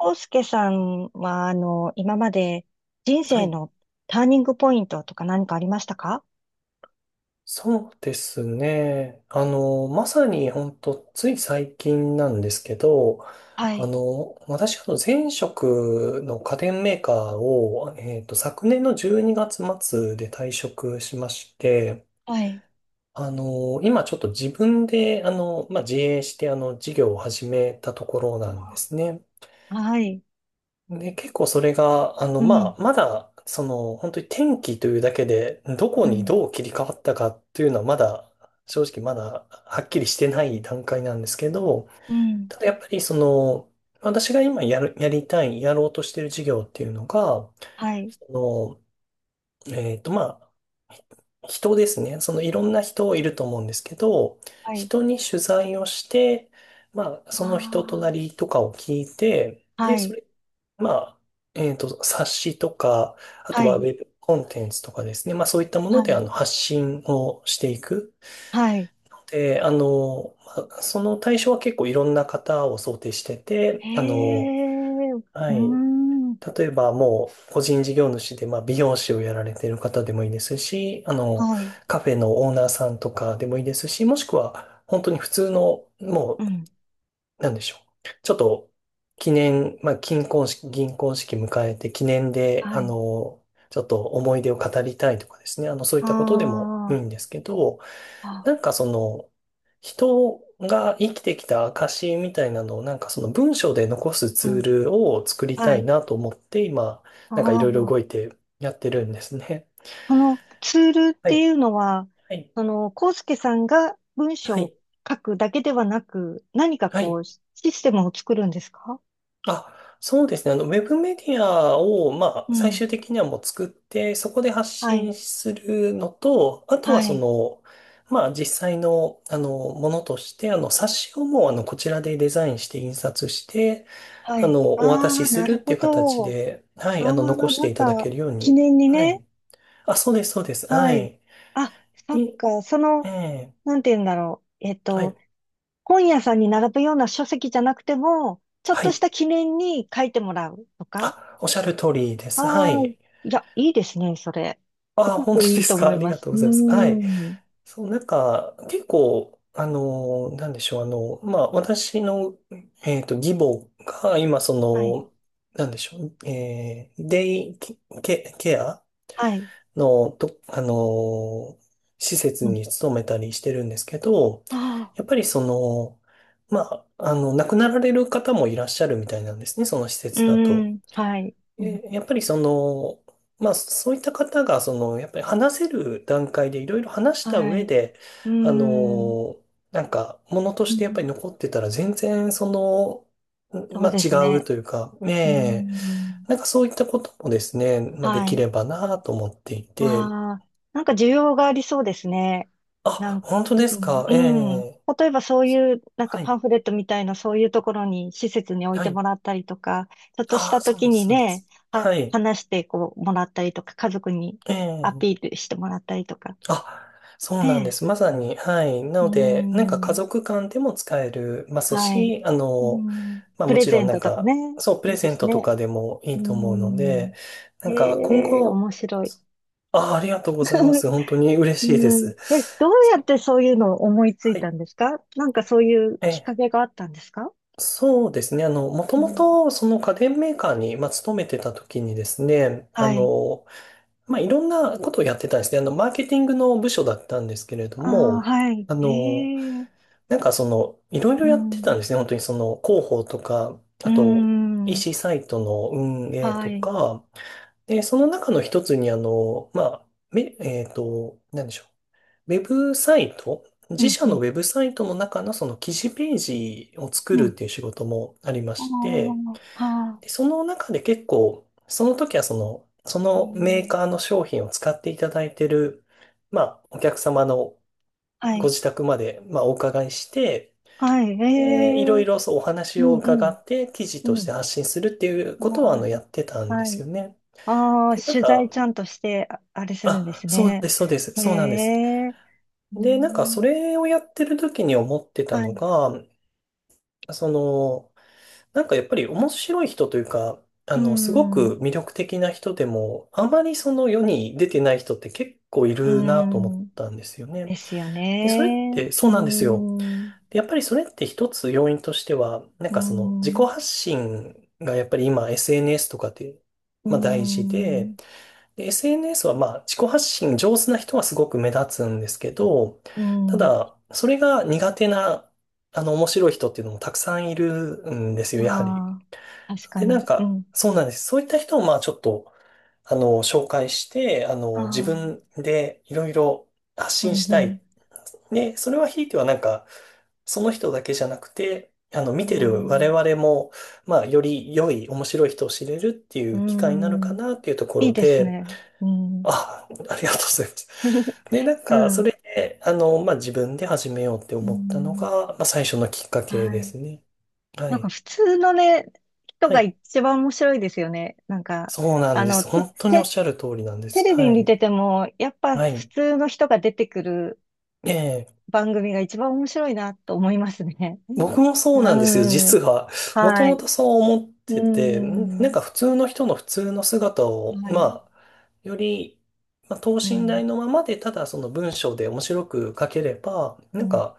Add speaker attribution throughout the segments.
Speaker 1: 康介さんは、今まで人
Speaker 2: は
Speaker 1: 生
Speaker 2: い。
Speaker 1: のターニングポイントとか何かありましたか？
Speaker 2: そうですね。まさに本当つい最近なんですけど、
Speaker 1: はい、
Speaker 2: 私、前職の家電メーカーを、昨年の12月末で退職しまして、
Speaker 1: はい、
Speaker 2: 今ちょっと自分で、まあ、自営して、事業を始めたところなんですね。
Speaker 1: はい、
Speaker 2: で、結構それが、
Speaker 1: うん、
Speaker 2: まあ、まだ、その、本当に天気というだけで、どこ
Speaker 1: う
Speaker 2: に
Speaker 1: ん、
Speaker 2: どう切り替わったかっていうのは、正直まだ、はっきりしてない段階なんですけど、
Speaker 1: うん、
Speaker 2: ただやっぱり、その、私が今やる、やりたい、やろうとしてる事業っていうのが、
Speaker 1: はい、
Speaker 2: その、まあ、人ですね。そのいろんな人いると思うんですけど、
Speaker 1: はい、
Speaker 2: 人に取材をして、まあ、その人とな
Speaker 1: わ
Speaker 2: りとかを聞いて、
Speaker 1: あ、は
Speaker 2: で、そ
Speaker 1: い、
Speaker 2: れ、まあ、冊子とか、あ
Speaker 1: は
Speaker 2: とはウ
Speaker 1: い、
Speaker 2: ェブコンテンツとかですね。まあ、そういったも
Speaker 1: は
Speaker 2: ので、
Speaker 1: い、
Speaker 2: 発信をしていく。
Speaker 1: はい、
Speaker 2: で、まあその対象は結構いろんな方を想定して
Speaker 1: へ
Speaker 2: て、あの、
Speaker 1: え、う
Speaker 2: は
Speaker 1: ー
Speaker 2: い。
Speaker 1: ん、
Speaker 2: 例えばもう個人事業主でまあ美容師をやられている方でもいいですし、
Speaker 1: はい、
Speaker 2: カフェのオーナーさんとかでもいいですし、もしくは本当に普通の
Speaker 1: う
Speaker 2: も
Speaker 1: ん、
Speaker 2: なんでしょう。ちょっと、記念、まあ、金婚式、銀婚式迎えて記念で、
Speaker 1: はい、
Speaker 2: ちょっと思い出を語りたいとかですね。そういっ
Speaker 1: あ
Speaker 2: たことでもいいんですけど、
Speaker 1: あ、あ、
Speaker 2: なんかその、人が生きてきた証みたいなのを、なんかその文章で残す
Speaker 1: う
Speaker 2: ツー
Speaker 1: ん、
Speaker 2: ルを作りた
Speaker 1: は
Speaker 2: い
Speaker 1: い、
Speaker 2: なと思って、今、なんかい
Speaker 1: あ
Speaker 2: ろいろ動い
Speaker 1: あ、
Speaker 2: てやってるんですね。
Speaker 1: そのツールっ
Speaker 2: は
Speaker 1: てい
Speaker 2: い。
Speaker 1: うのは、
Speaker 2: はい。
Speaker 1: コウスケさんが文
Speaker 2: は
Speaker 1: 章を
Speaker 2: い。
Speaker 1: 書くだけではなく、何か
Speaker 2: は
Speaker 1: こ
Speaker 2: い。
Speaker 1: う、システムを作るんですか？
Speaker 2: あ、そうですね。ウェブメディアを、まあ、
Speaker 1: う
Speaker 2: 最
Speaker 1: ん。
Speaker 2: 終的にはもう作って、そこで発
Speaker 1: はい。
Speaker 2: 信するのと、あと
Speaker 1: は
Speaker 2: はそ
Speaker 1: い。
Speaker 2: の、まあ、実際の、ものとして、冊子をもう、こちらでデザインして印刷して、
Speaker 1: はい。
Speaker 2: お渡
Speaker 1: あ
Speaker 2: し
Speaker 1: あ、
Speaker 2: す
Speaker 1: な
Speaker 2: る
Speaker 1: る
Speaker 2: っ
Speaker 1: ほ
Speaker 2: ていう形
Speaker 1: ど。
Speaker 2: で、は
Speaker 1: ああ、
Speaker 2: い、残
Speaker 1: な
Speaker 2: して
Speaker 1: ん
Speaker 2: いただけ
Speaker 1: か、
Speaker 2: るよう
Speaker 1: 記
Speaker 2: に。
Speaker 1: 念に
Speaker 2: は
Speaker 1: ね。
Speaker 2: い。あ、そうです、そうです。は
Speaker 1: はい。
Speaker 2: い。
Speaker 1: あ、そ
Speaker 2: い、
Speaker 1: っか。
Speaker 2: ええ、
Speaker 1: なんて言うんだろう。
Speaker 2: はい、
Speaker 1: 本屋さんに並ぶような書籍じゃなくても、ちょっ
Speaker 2: は
Speaker 1: とし
Speaker 2: い。
Speaker 1: た記念に書いてもらうとか？
Speaker 2: あ、おっしゃる通りです。は
Speaker 1: は
Speaker 2: い。
Speaker 1: い。いや、いいですね、それ。す
Speaker 2: あ、
Speaker 1: ご
Speaker 2: 本当
Speaker 1: くい
Speaker 2: で
Speaker 1: い
Speaker 2: す
Speaker 1: と思
Speaker 2: か。あ
Speaker 1: い
Speaker 2: り
Speaker 1: ま
Speaker 2: が
Speaker 1: す。
Speaker 2: とう
Speaker 1: う
Speaker 2: ご
Speaker 1: ー
Speaker 2: ざいます。はい。
Speaker 1: ん。
Speaker 2: そう、なんか、結構、なんでしょう、まあ、私の、義母が、今、そ
Speaker 1: はい。
Speaker 2: の、なんでしょう、デイケ、ケア
Speaker 1: はい。
Speaker 2: の、と、施設
Speaker 1: うん。
Speaker 2: に勤めたりしてるんですけど、
Speaker 1: あ
Speaker 2: やっ
Speaker 1: あ。
Speaker 2: ぱりその、まあ、亡くなられる方もいらっしゃるみたいなんですね、その施
Speaker 1: う
Speaker 2: 設だ
Speaker 1: ー
Speaker 2: と。
Speaker 1: ん。はい。うん。
Speaker 2: え、やっぱりその、まあそういった方が、その、やっぱり話せる段階でいろいろ話した
Speaker 1: は
Speaker 2: 上
Speaker 1: い。
Speaker 2: で、
Speaker 1: うー
Speaker 2: あ
Speaker 1: ん。
Speaker 2: の、なんか、ものと
Speaker 1: う
Speaker 2: してやっぱ
Speaker 1: ん。
Speaker 2: り残ってたら全然その、ん
Speaker 1: そう
Speaker 2: まあ
Speaker 1: で
Speaker 2: 違
Speaker 1: す
Speaker 2: う
Speaker 1: ね。
Speaker 2: というか、
Speaker 1: うー
Speaker 2: ねえ、
Speaker 1: ん。
Speaker 2: なんかそういったこともですね、まあで
Speaker 1: は
Speaker 2: き
Speaker 1: い。
Speaker 2: ればなと思っていて、
Speaker 1: ああ、なんか需要がありそうですね。
Speaker 2: あ、
Speaker 1: なん、
Speaker 2: 本当ですか、
Speaker 1: う
Speaker 2: え
Speaker 1: ん、うん。
Speaker 2: え、
Speaker 1: 例えばそういう、なんか
Speaker 2: は
Speaker 1: パ
Speaker 2: い、
Speaker 1: ンフレットみたいな、そういうところに、施設に置い
Speaker 2: は
Speaker 1: ても
Speaker 2: い、
Speaker 1: らったりとか、ちょっとし
Speaker 2: ああ、
Speaker 1: た
Speaker 2: そう
Speaker 1: 時
Speaker 2: です、
Speaker 1: に
Speaker 2: そうで
Speaker 1: ね、
Speaker 2: す。はい、
Speaker 1: 話してこう、もらったりとか、家族に
Speaker 2: え
Speaker 1: アピ
Speaker 2: え。
Speaker 1: ールしてもらったりとか、
Speaker 2: あ、そうなんで
Speaker 1: ねえ。
Speaker 2: す。まさに、はい。な
Speaker 1: う
Speaker 2: ので、なんか家
Speaker 1: ん、
Speaker 2: 族間でも使えるます
Speaker 1: はい。
Speaker 2: し、
Speaker 1: うん、
Speaker 2: まあ
Speaker 1: プ
Speaker 2: も
Speaker 1: レ
Speaker 2: ちろ
Speaker 1: ゼ
Speaker 2: ん
Speaker 1: ン
Speaker 2: な
Speaker 1: ト
Speaker 2: ん
Speaker 1: とかね、
Speaker 2: か、そう、プ
Speaker 1: い
Speaker 2: レ
Speaker 1: いで
Speaker 2: ゼン
Speaker 1: す
Speaker 2: トと
Speaker 1: ね。
Speaker 2: かでもい
Speaker 1: う
Speaker 2: いと思うの
Speaker 1: ん、
Speaker 2: で、な
Speaker 1: え
Speaker 2: んか今
Speaker 1: え、
Speaker 2: 後、
Speaker 1: 面白い。
Speaker 2: あ、ありがとうございま す。本当に嬉しいで
Speaker 1: うん。
Speaker 2: す。
Speaker 1: え、どうやってそういうのを思いつい
Speaker 2: は
Speaker 1: た
Speaker 2: い。
Speaker 1: んですか？なんかそういう
Speaker 2: え、
Speaker 1: きっかけがあったんですか？
Speaker 2: そうですね。もと
Speaker 1: う
Speaker 2: も
Speaker 1: ん、
Speaker 2: と、その家電メーカーに、まあ、勤めてた時にですね、
Speaker 1: はい。
Speaker 2: まあ、いろんなことをやってたんですね。マーケティングの部署だったんですけれど
Speaker 1: ああ、
Speaker 2: も、
Speaker 1: はい。
Speaker 2: あの、
Speaker 1: へえ。
Speaker 2: なんかその、いろい
Speaker 1: う
Speaker 2: ろやってたん
Speaker 1: ん。
Speaker 2: ですね。本当にその広報とか、
Speaker 1: う
Speaker 2: あと
Speaker 1: ん。
Speaker 2: EC サイトの運営
Speaker 1: は
Speaker 2: と
Speaker 1: い。
Speaker 2: か、で、その中の一つにあの、まあ、め、えっと、なんでしょう。ウェブサイト、
Speaker 1: う
Speaker 2: 自
Speaker 1: ん、
Speaker 2: 社
Speaker 1: う
Speaker 2: の
Speaker 1: ん、
Speaker 2: ウェブサイトの中のその記事ページを作
Speaker 1: う
Speaker 2: るっ
Speaker 1: ん。
Speaker 2: ていう仕事もありま
Speaker 1: あ
Speaker 2: して、
Speaker 1: あ、は
Speaker 2: で、
Speaker 1: あ。
Speaker 2: その中で結構、その時はその、そ
Speaker 1: う
Speaker 2: のメー
Speaker 1: ん。
Speaker 2: カーの商品を使っていただいてる、まあ、お客様の
Speaker 1: は
Speaker 2: ご
Speaker 1: い。
Speaker 2: 自宅まで、まあ、お伺いして、
Speaker 1: はい。
Speaker 2: いろ
Speaker 1: へ
Speaker 2: い
Speaker 1: え。
Speaker 2: ろそうお
Speaker 1: う
Speaker 2: 話を
Speaker 1: ん、う
Speaker 2: 伺
Speaker 1: ん、
Speaker 2: って記事
Speaker 1: う
Speaker 2: とし
Speaker 1: ん。
Speaker 2: て発信するっていうことはあ
Speaker 1: は
Speaker 2: の
Speaker 1: い。
Speaker 2: やってたんで
Speaker 1: は
Speaker 2: す
Speaker 1: い。
Speaker 2: よね。
Speaker 1: ああ、
Speaker 2: で、た
Speaker 1: 取材
Speaker 2: だ、
Speaker 1: ちゃんとして、あれするんで
Speaker 2: あ、
Speaker 1: す
Speaker 2: そう
Speaker 1: ね。
Speaker 2: です、そうです、
Speaker 1: へ
Speaker 2: そうなんです。
Speaker 1: え。う
Speaker 2: で、なんかそ
Speaker 1: ん。
Speaker 2: れをやってる時に思ってた
Speaker 1: は
Speaker 2: の
Speaker 1: い。
Speaker 2: が、その、なんかやっぱり面白い人というか、
Speaker 1: う
Speaker 2: すご
Speaker 1: ん。
Speaker 2: く魅力的な人でも、あまりその世に出てない人って結構い
Speaker 1: う
Speaker 2: るなと思っ
Speaker 1: ん。
Speaker 2: たんですよね。
Speaker 1: ですよ
Speaker 2: で、それっ
Speaker 1: ね。
Speaker 2: てそ
Speaker 1: う
Speaker 2: う
Speaker 1: ー
Speaker 2: なんですよ。
Speaker 1: ん、う
Speaker 2: でやっぱりそれって一つ要因としては、なん
Speaker 1: ー
Speaker 2: かその自己
Speaker 1: ん、
Speaker 2: 発信がやっぱり今 SNS とかで、
Speaker 1: うー
Speaker 2: まあ大事
Speaker 1: ん、
Speaker 2: で、で、SNS はまあ自己発信上手な人はすごく目立つんですけど、
Speaker 1: う
Speaker 2: た
Speaker 1: ん。
Speaker 2: だ、それが苦手な、あの面白い人っていうのもたくさんいるんですよ、やはり。
Speaker 1: ああ、確か
Speaker 2: で、なん
Speaker 1: に。う
Speaker 2: か、
Speaker 1: ん。
Speaker 2: そうなんです。そういった人を、まあ、ちょっと、紹介して、
Speaker 1: あ
Speaker 2: 自分
Speaker 1: あ、
Speaker 2: でいろいろ発
Speaker 1: う
Speaker 2: 信
Speaker 1: ん、
Speaker 2: し
Speaker 1: う
Speaker 2: た
Speaker 1: ん、
Speaker 2: い。で、それはひいてはなんか、その人だけじゃなくて、見てる我々も、まあ、より良い、面白い人を知れるってい
Speaker 1: う
Speaker 2: う機会になる
Speaker 1: ん、うー
Speaker 2: か
Speaker 1: ん。
Speaker 2: なっていうとこ
Speaker 1: いい
Speaker 2: ろ
Speaker 1: です
Speaker 2: で、
Speaker 1: ね。うん。
Speaker 2: あ、ありがとうございます。で、なん
Speaker 1: う
Speaker 2: か、そ
Speaker 1: ん、
Speaker 2: れで、まあ、自分で始めようって
Speaker 1: う
Speaker 2: 思ったの
Speaker 1: ん。
Speaker 2: が、まあ、最初のきっかけで
Speaker 1: はい。
Speaker 2: すね。は
Speaker 1: なんか
Speaker 2: い。
Speaker 1: 普通のね、人
Speaker 2: は
Speaker 1: が
Speaker 2: い。
Speaker 1: 一番面白いですよね。なんか、
Speaker 2: そうなん
Speaker 1: あ
Speaker 2: で
Speaker 1: の、
Speaker 2: す。
Speaker 1: て、
Speaker 2: 本当におっ
Speaker 1: て、
Speaker 2: しゃる通りなんで
Speaker 1: テ
Speaker 2: す。
Speaker 1: レビ
Speaker 2: は
Speaker 1: に
Speaker 2: い。
Speaker 1: 出ても、やっぱ
Speaker 2: は
Speaker 1: 普
Speaker 2: い。
Speaker 1: 通の人が出てくる
Speaker 2: ええ。
Speaker 1: 番組が一番面白いなと思いますね。
Speaker 2: 僕もそうなんですよ、
Speaker 1: う
Speaker 2: 実
Speaker 1: ん。
Speaker 2: は。もと
Speaker 1: は
Speaker 2: も
Speaker 1: い。
Speaker 2: とそう思って
Speaker 1: う
Speaker 2: て、んなん
Speaker 1: ん。
Speaker 2: か普通の人の普通の姿を、
Speaker 1: はい。
Speaker 2: まあ、より、まあ、等
Speaker 1: う
Speaker 2: 身
Speaker 1: ん。
Speaker 2: 大のままで、ただその文章で面白く書ければ、な
Speaker 1: う
Speaker 2: ん
Speaker 1: ん。
Speaker 2: か、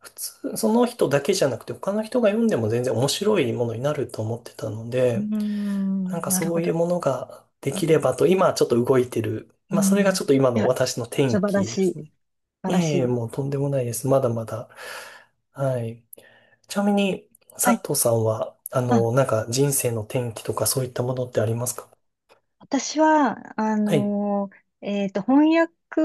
Speaker 2: 普通、その人だけじゃなくて他の人が読んでも全然面白いものになると思ってたの
Speaker 1: う
Speaker 2: で、なん
Speaker 1: ん。
Speaker 2: か
Speaker 1: なる
Speaker 2: そ
Speaker 1: ほ
Speaker 2: うい
Speaker 1: ど。
Speaker 2: うものがで
Speaker 1: うん。
Speaker 2: きればと、今ちょっと動いてる。ま
Speaker 1: う
Speaker 2: あそれが
Speaker 1: ん。い
Speaker 2: ちょっと今の
Speaker 1: や、
Speaker 2: 私の転
Speaker 1: 素晴ら
Speaker 2: 機で
Speaker 1: しい。
Speaker 2: す
Speaker 1: 素
Speaker 2: ね。
Speaker 1: 晴らし
Speaker 2: ええ、
Speaker 1: い。
Speaker 2: もうとんでもないです。まだまだ。はい。ちなみに、
Speaker 1: は
Speaker 2: 佐
Speaker 1: い。
Speaker 2: 藤さんは、
Speaker 1: あ、
Speaker 2: なんか人生の転機とかそういったものってありますか？
Speaker 1: 私は、
Speaker 2: はい。
Speaker 1: 翻訳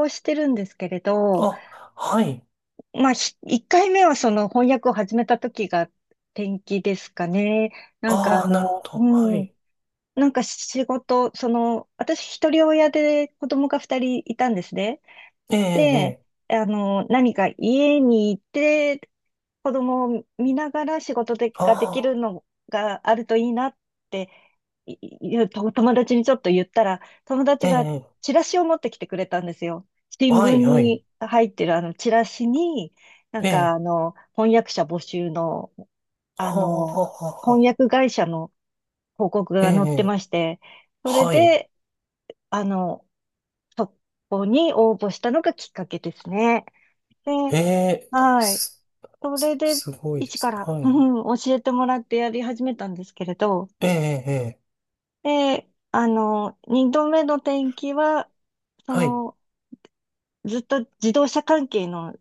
Speaker 1: をしてるんですけれど、
Speaker 2: あ、はい。
Speaker 1: まあ、一回目はその翻訳を始めた時が転機ですかね。なんかあ
Speaker 2: ああ、なるほ
Speaker 1: の、
Speaker 2: ど。は
Speaker 1: うん。
Speaker 2: い。
Speaker 1: なんか仕事、私一人親で子供が二人いたんですね。
Speaker 2: ええ、
Speaker 1: で、
Speaker 2: ええ。
Speaker 1: 何か家にいて子供を見ながら仕事でができ
Speaker 2: あ
Speaker 1: るのがあるといいなっていいうと友達にちょっと言ったら、友
Speaker 2: あ、
Speaker 1: 達
Speaker 2: え
Speaker 1: が
Speaker 2: え。
Speaker 1: チラシを持ってきてくれたんですよ。新
Speaker 2: は
Speaker 1: 聞
Speaker 2: い、はい。
Speaker 1: に入ってるあのチラシに、なん
Speaker 2: え
Speaker 1: か
Speaker 2: え。
Speaker 1: あの、翻訳者募集の、あ
Speaker 2: はあ、は
Speaker 1: の、
Speaker 2: あ、はあ。
Speaker 1: 翻
Speaker 2: あ
Speaker 1: 訳会社の広告
Speaker 2: え
Speaker 1: が載って
Speaker 2: え、
Speaker 1: まして、それ
Speaker 2: はい。
Speaker 1: で、あの、そこに応募したのがきっかけですね。で、
Speaker 2: ええ、
Speaker 1: はい。
Speaker 2: す、
Speaker 1: それで、
Speaker 2: すごいで
Speaker 1: 一か
Speaker 2: すね。
Speaker 1: ら、
Speaker 2: は
Speaker 1: う
Speaker 2: い。
Speaker 1: ん教えてもらってやり始めたんですけれど、
Speaker 2: ええ、ええ。
Speaker 1: で、二度目の転機は、そ
Speaker 2: はい。
Speaker 1: の、ずっと自動車関係の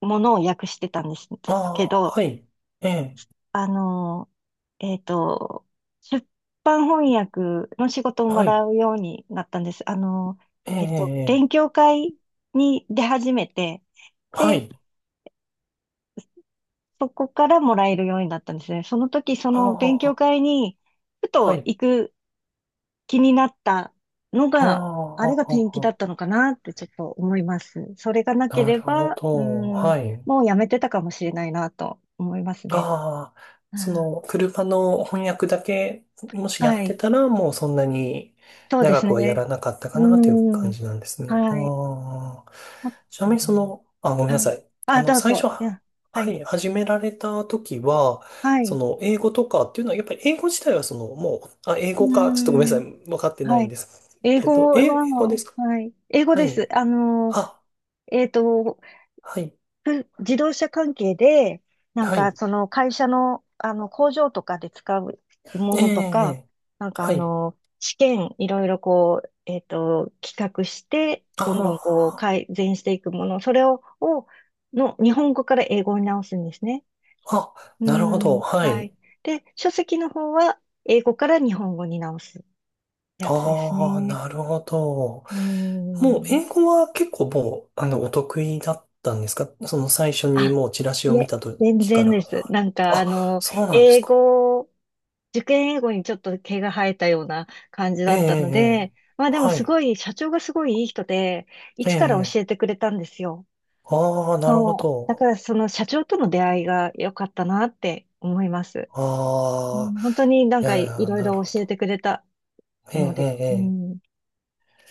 Speaker 1: ものを訳してたんです
Speaker 2: あ
Speaker 1: け
Speaker 2: あ、
Speaker 1: ど、
Speaker 2: はい。ええ、
Speaker 1: あの、えっと、出版翻訳の仕事をも
Speaker 2: は
Speaker 1: ら
Speaker 2: い。
Speaker 1: うようになったんです。
Speaker 2: ええ、え
Speaker 1: 勉
Speaker 2: え。
Speaker 1: 強会に出始めて、
Speaker 2: は
Speaker 1: で、
Speaker 2: い。
Speaker 1: そこからもらえるようになったんですね。その時、そ
Speaker 2: あ
Speaker 1: の勉強
Speaker 2: あ、
Speaker 1: 会に、ふ
Speaker 2: は
Speaker 1: と
Speaker 2: い。
Speaker 1: 行く気になったの
Speaker 2: ああ、
Speaker 1: が、あ
Speaker 2: あ
Speaker 1: れが転機だった
Speaker 2: あ
Speaker 1: のかなってちょっと思います。それがな
Speaker 2: あ
Speaker 1: け
Speaker 2: な
Speaker 1: れ
Speaker 2: るほ
Speaker 1: ば、う
Speaker 2: ど。
Speaker 1: ん、
Speaker 2: はい。
Speaker 1: もうやめてたかもしれないなと思いますね。
Speaker 2: ああ、
Speaker 1: う
Speaker 2: そ
Speaker 1: ん、
Speaker 2: の、車の翻訳だけ、もしや
Speaker 1: は
Speaker 2: って
Speaker 1: い。
Speaker 2: たら、もうそんなに
Speaker 1: そうで
Speaker 2: 長
Speaker 1: す
Speaker 2: くはや
Speaker 1: ね。
Speaker 2: らなかったか
Speaker 1: う
Speaker 2: なという感
Speaker 1: ん、
Speaker 2: じなんですね。
Speaker 1: はい。
Speaker 2: ああ、
Speaker 1: も
Speaker 2: ちな
Speaker 1: う
Speaker 2: み
Speaker 1: ん。
Speaker 2: にその、あ、ごめんな
Speaker 1: は
Speaker 2: さ
Speaker 1: い。
Speaker 2: い。
Speaker 1: あ、どう
Speaker 2: 最初、
Speaker 1: ぞ。い
Speaker 2: は
Speaker 1: や、は
Speaker 2: は
Speaker 1: い。
Speaker 2: い、始められた時は、
Speaker 1: は
Speaker 2: そ
Speaker 1: い。
Speaker 2: の、英語とかっていうのは、やっぱり英語自体はその、もう、あ、英
Speaker 1: う
Speaker 2: 語か、ちょっとごめんなさ
Speaker 1: ん、
Speaker 2: い。分かってな
Speaker 1: は
Speaker 2: いん
Speaker 1: い。
Speaker 2: です
Speaker 1: 英
Speaker 2: けど、
Speaker 1: 語
Speaker 2: え
Speaker 1: は、
Speaker 2: 英語ですか？
Speaker 1: はい。英語
Speaker 2: は
Speaker 1: で
Speaker 2: い。
Speaker 1: す。
Speaker 2: あ、
Speaker 1: えっと、
Speaker 2: はい。
Speaker 1: 自動車関係で、なん
Speaker 2: は
Speaker 1: か
Speaker 2: い。
Speaker 1: その会社の、あの工場とかで使うも
Speaker 2: ええ、
Speaker 1: のと
Speaker 2: え
Speaker 1: か、
Speaker 2: え
Speaker 1: なんか
Speaker 2: はい。
Speaker 1: 試験いろいろこう、企画して、
Speaker 2: あ
Speaker 1: どんどんこう改善していくもの、それをの日本語から英語に直すんですね。
Speaker 2: あ、あ、
Speaker 1: う
Speaker 2: なるほど。
Speaker 1: ん、
Speaker 2: は
Speaker 1: は
Speaker 2: い。
Speaker 1: い。で、書籍の方は英語から日本語に直すやつです
Speaker 2: ああ、
Speaker 1: ね。
Speaker 2: なるほど。
Speaker 1: う
Speaker 2: もう、
Speaker 1: ん。
Speaker 2: 英語は結構もう、お得意だったんですか？その最初に
Speaker 1: あ、
Speaker 2: もうチラシを
Speaker 1: い
Speaker 2: 見
Speaker 1: え、
Speaker 2: た
Speaker 1: 全
Speaker 2: 時か
Speaker 1: 然で
Speaker 2: ら。
Speaker 1: す。なんかあ
Speaker 2: あ、
Speaker 1: の、
Speaker 2: そうなんです
Speaker 1: 英
Speaker 2: か。
Speaker 1: 語受験英語にちょっと毛が生えたような感じ
Speaker 2: え
Speaker 1: だ
Speaker 2: え、ええ、
Speaker 1: ったの
Speaker 2: ええ
Speaker 1: で、まあでも
Speaker 2: は
Speaker 1: す
Speaker 2: い。
Speaker 1: ごい、社長がすごいいい人で、
Speaker 2: え
Speaker 1: 一から
Speaker 2: え、え
Speaker 1: 教えて
Speaker 2: え
Speaker 1: くれたんですよ。
Speaker 2: ああ、なるほ
Speaker 1: そう。だか
Speaker 2: ど。
Speaker 1: らその社長との出会いが良かったなって思います。う
Speaker 2: ああ、
Speaker 1: ん、本当になん
Speaker 2: い
Speaker 1: かい
Speaker 2: や、
Speaker 1: ろい
Speaker 2: なる
Speaker 1: ろ
Speaker 2: ほ
Speaker 1: 教え
Speaker 2: ど。
Speaker 1: てくれた
Speaker 2: え
Speaker 1: の
Speaker 2: え、え
Speaker 1: で、
Speaker 2: え、
Speaker 1: う
Speaker 2: え
Speaker 1: ん、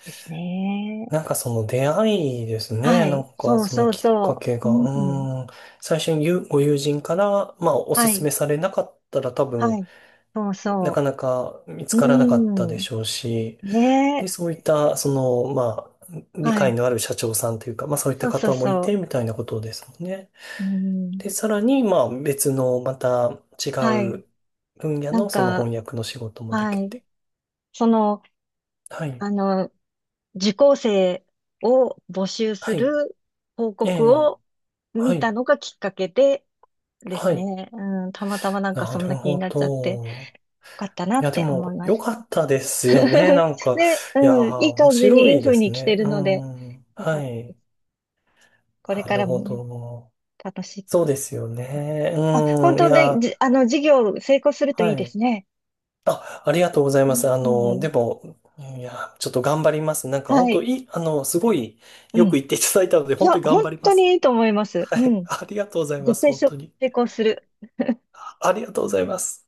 Speaker 1: ですね。
Speaker 2: なんかその出会いですね。
Speaker 1: は
Speaker 2: な
Speaker 1: い。
Speaker 2: んか
Speaker 1: そう
Speaker 2: その
Speaker 1: そう
Speaker 2: きっか
Speaker 1: そ
Speaker 2: け
Speaker 1: う。
Speaker 2: が。
Speaker 1: うん。
Speaker 2: うーん。最初にゆご友人から、まあお
Speaker 1: は
Speaker 2: すす
Speaker 1: い。
Speaker 2: めされなかったら多
Speaker 1: は
Speaker 2: 分
Speaker 1: い。そう
Speaker 2: な
Speaker 1: そ
Speaker 2: かなか見つ
Speaker 1: う。
Speaker 2: からなかったで
Speaker 1: うん。
Speaker 2: しょうし、
Speaker 1: ね
Speaker 2: で、
Speaker 1: え。
Speaker 2: そういったその、まあ理
Speaker 1: は
Speaker 2: 解
Speaker 1: い。
Speaker 2: のある社長さんというか、まあそういった
Speaker 1: そうそう
Speaker 2: 方もい
Speaker 1: そ
Speaker 2: てみたいなことですもんね。
Speaker 1: う。うん。
Speaker 2: で、さらにまあ別のまた違
Speaker 1: はい。
Speaker 2: う分野
Speaker 1: なん
Speaker 2: のその
Speaker 1: か、
Speaker 2: 翻訳の仕事もで
Speaker 1: は
Speaker 2: き
Speaker 1: い。
Speaker 2: て。
Speaker 1: その、
Speaker 2: はい。
Speaker 1: あの、受講生を募集
Speaker 2: は
Speaker 1: す
Speaker 2: い。
Speaker 1: る広
Speaker 2: え
Speaker 1: 告
Speaker 2: え。
Speaker 1: を
Speaker 2: は
Speaker 1: 見た
Speaker 2: い。
Speaker 1: のがきっかけでで
Speaker 2: は
Speaker 1: す
Speaker 2: い。
Speaker 1: ね。うん、たまたまなんか
Speaker 2: な
Speaker 1: そん
Speaker 2: る
Speaker 1: な気に
Speaker 2: ほ
Speaker 1: なっちゃって、よ
Speaker 2: ど。
Speaker 1: かったな
Speaker 2: いや、
Speaker 1: っ
Speaker 2: で
Speaker 1: て思
Speaker 2: も、
Speaker 1: いま
Speaker 2: 良
Speaker 1: す。
Speaker 2: かったですよね。な んか、
Speaker 1: で、
Speaker 2: いやー、
Speaker 1: うん、いい
Speaker 2: 面
Speaker 1: 感じ
Speaker 2: 白
Speaker 1: に、い
Speaker 2: い
Speaker 1: い
Speaker 2: で
Speaker 1: 風
Speaker 2: す
Speaker 1: に来て
Speaker 2: ね。
Speaker 1: る
Speaker 2: う
Speaker 1: ので、
Speaker 2: ん。
Speaker 1: よか
Speaker 2: は
Speaker 1: った。
Speaker 2: い。
Speaker 1: これ
Speaker 2: な
Speaker 1: か
Speaker 2: る
Speaker 1: ら
Speaker 2: ほ
Speaker 1: もね、
Speaker 2: ど。
Speaker 1: 楽し
Speaker 2: そう
Speaker 1: く。
Speaker 2: ですよね。
Speaker 1: あ、本
Speaker 2: うん。い
Speaker 1: 当ね、
Speaker 2: や、
Speaker 1: じ、あの、事業成功するといい
Speaker 2: は
Speaker 1: で
Speaker 2: い。
Speaker 1: すね。
Speaker 2: あ、ありがとうございます。
Speaker 1: う
Speaker 2: で
Speaker 1: ん、
Speaker 2: も、いや、ちょっと頑張ります。なんか、
Speaker 1: は
Speaker 2: 本当
Speaker 1: い。
Speaker 2: いい、すごい、
Speaker 1: うん。
Speaker 2: よく
Speaker 1: い
Speaker 2: 言っていただいたので、本
Speaker 1: や、
Speaker 2: 当に頑
Speaker 1: 本
Speaker 2: 張りま
Speaker 1: 当
Speaker 2: す。
Speaker 1: にいいと思います。
Speaker 2: は
Speaker 1: う
Speaker 2: い。
Speaker 1: ん。
Speaker 2: ありがとうございま
Speaker 1: 絶
Speaker 2: す。
Speaker 1: 対
Speaker 2: 本
Speaker 1: 成
Speaker 2: 当に。
Speaker 1: 功する。
Speaker 2: あありがとうございます。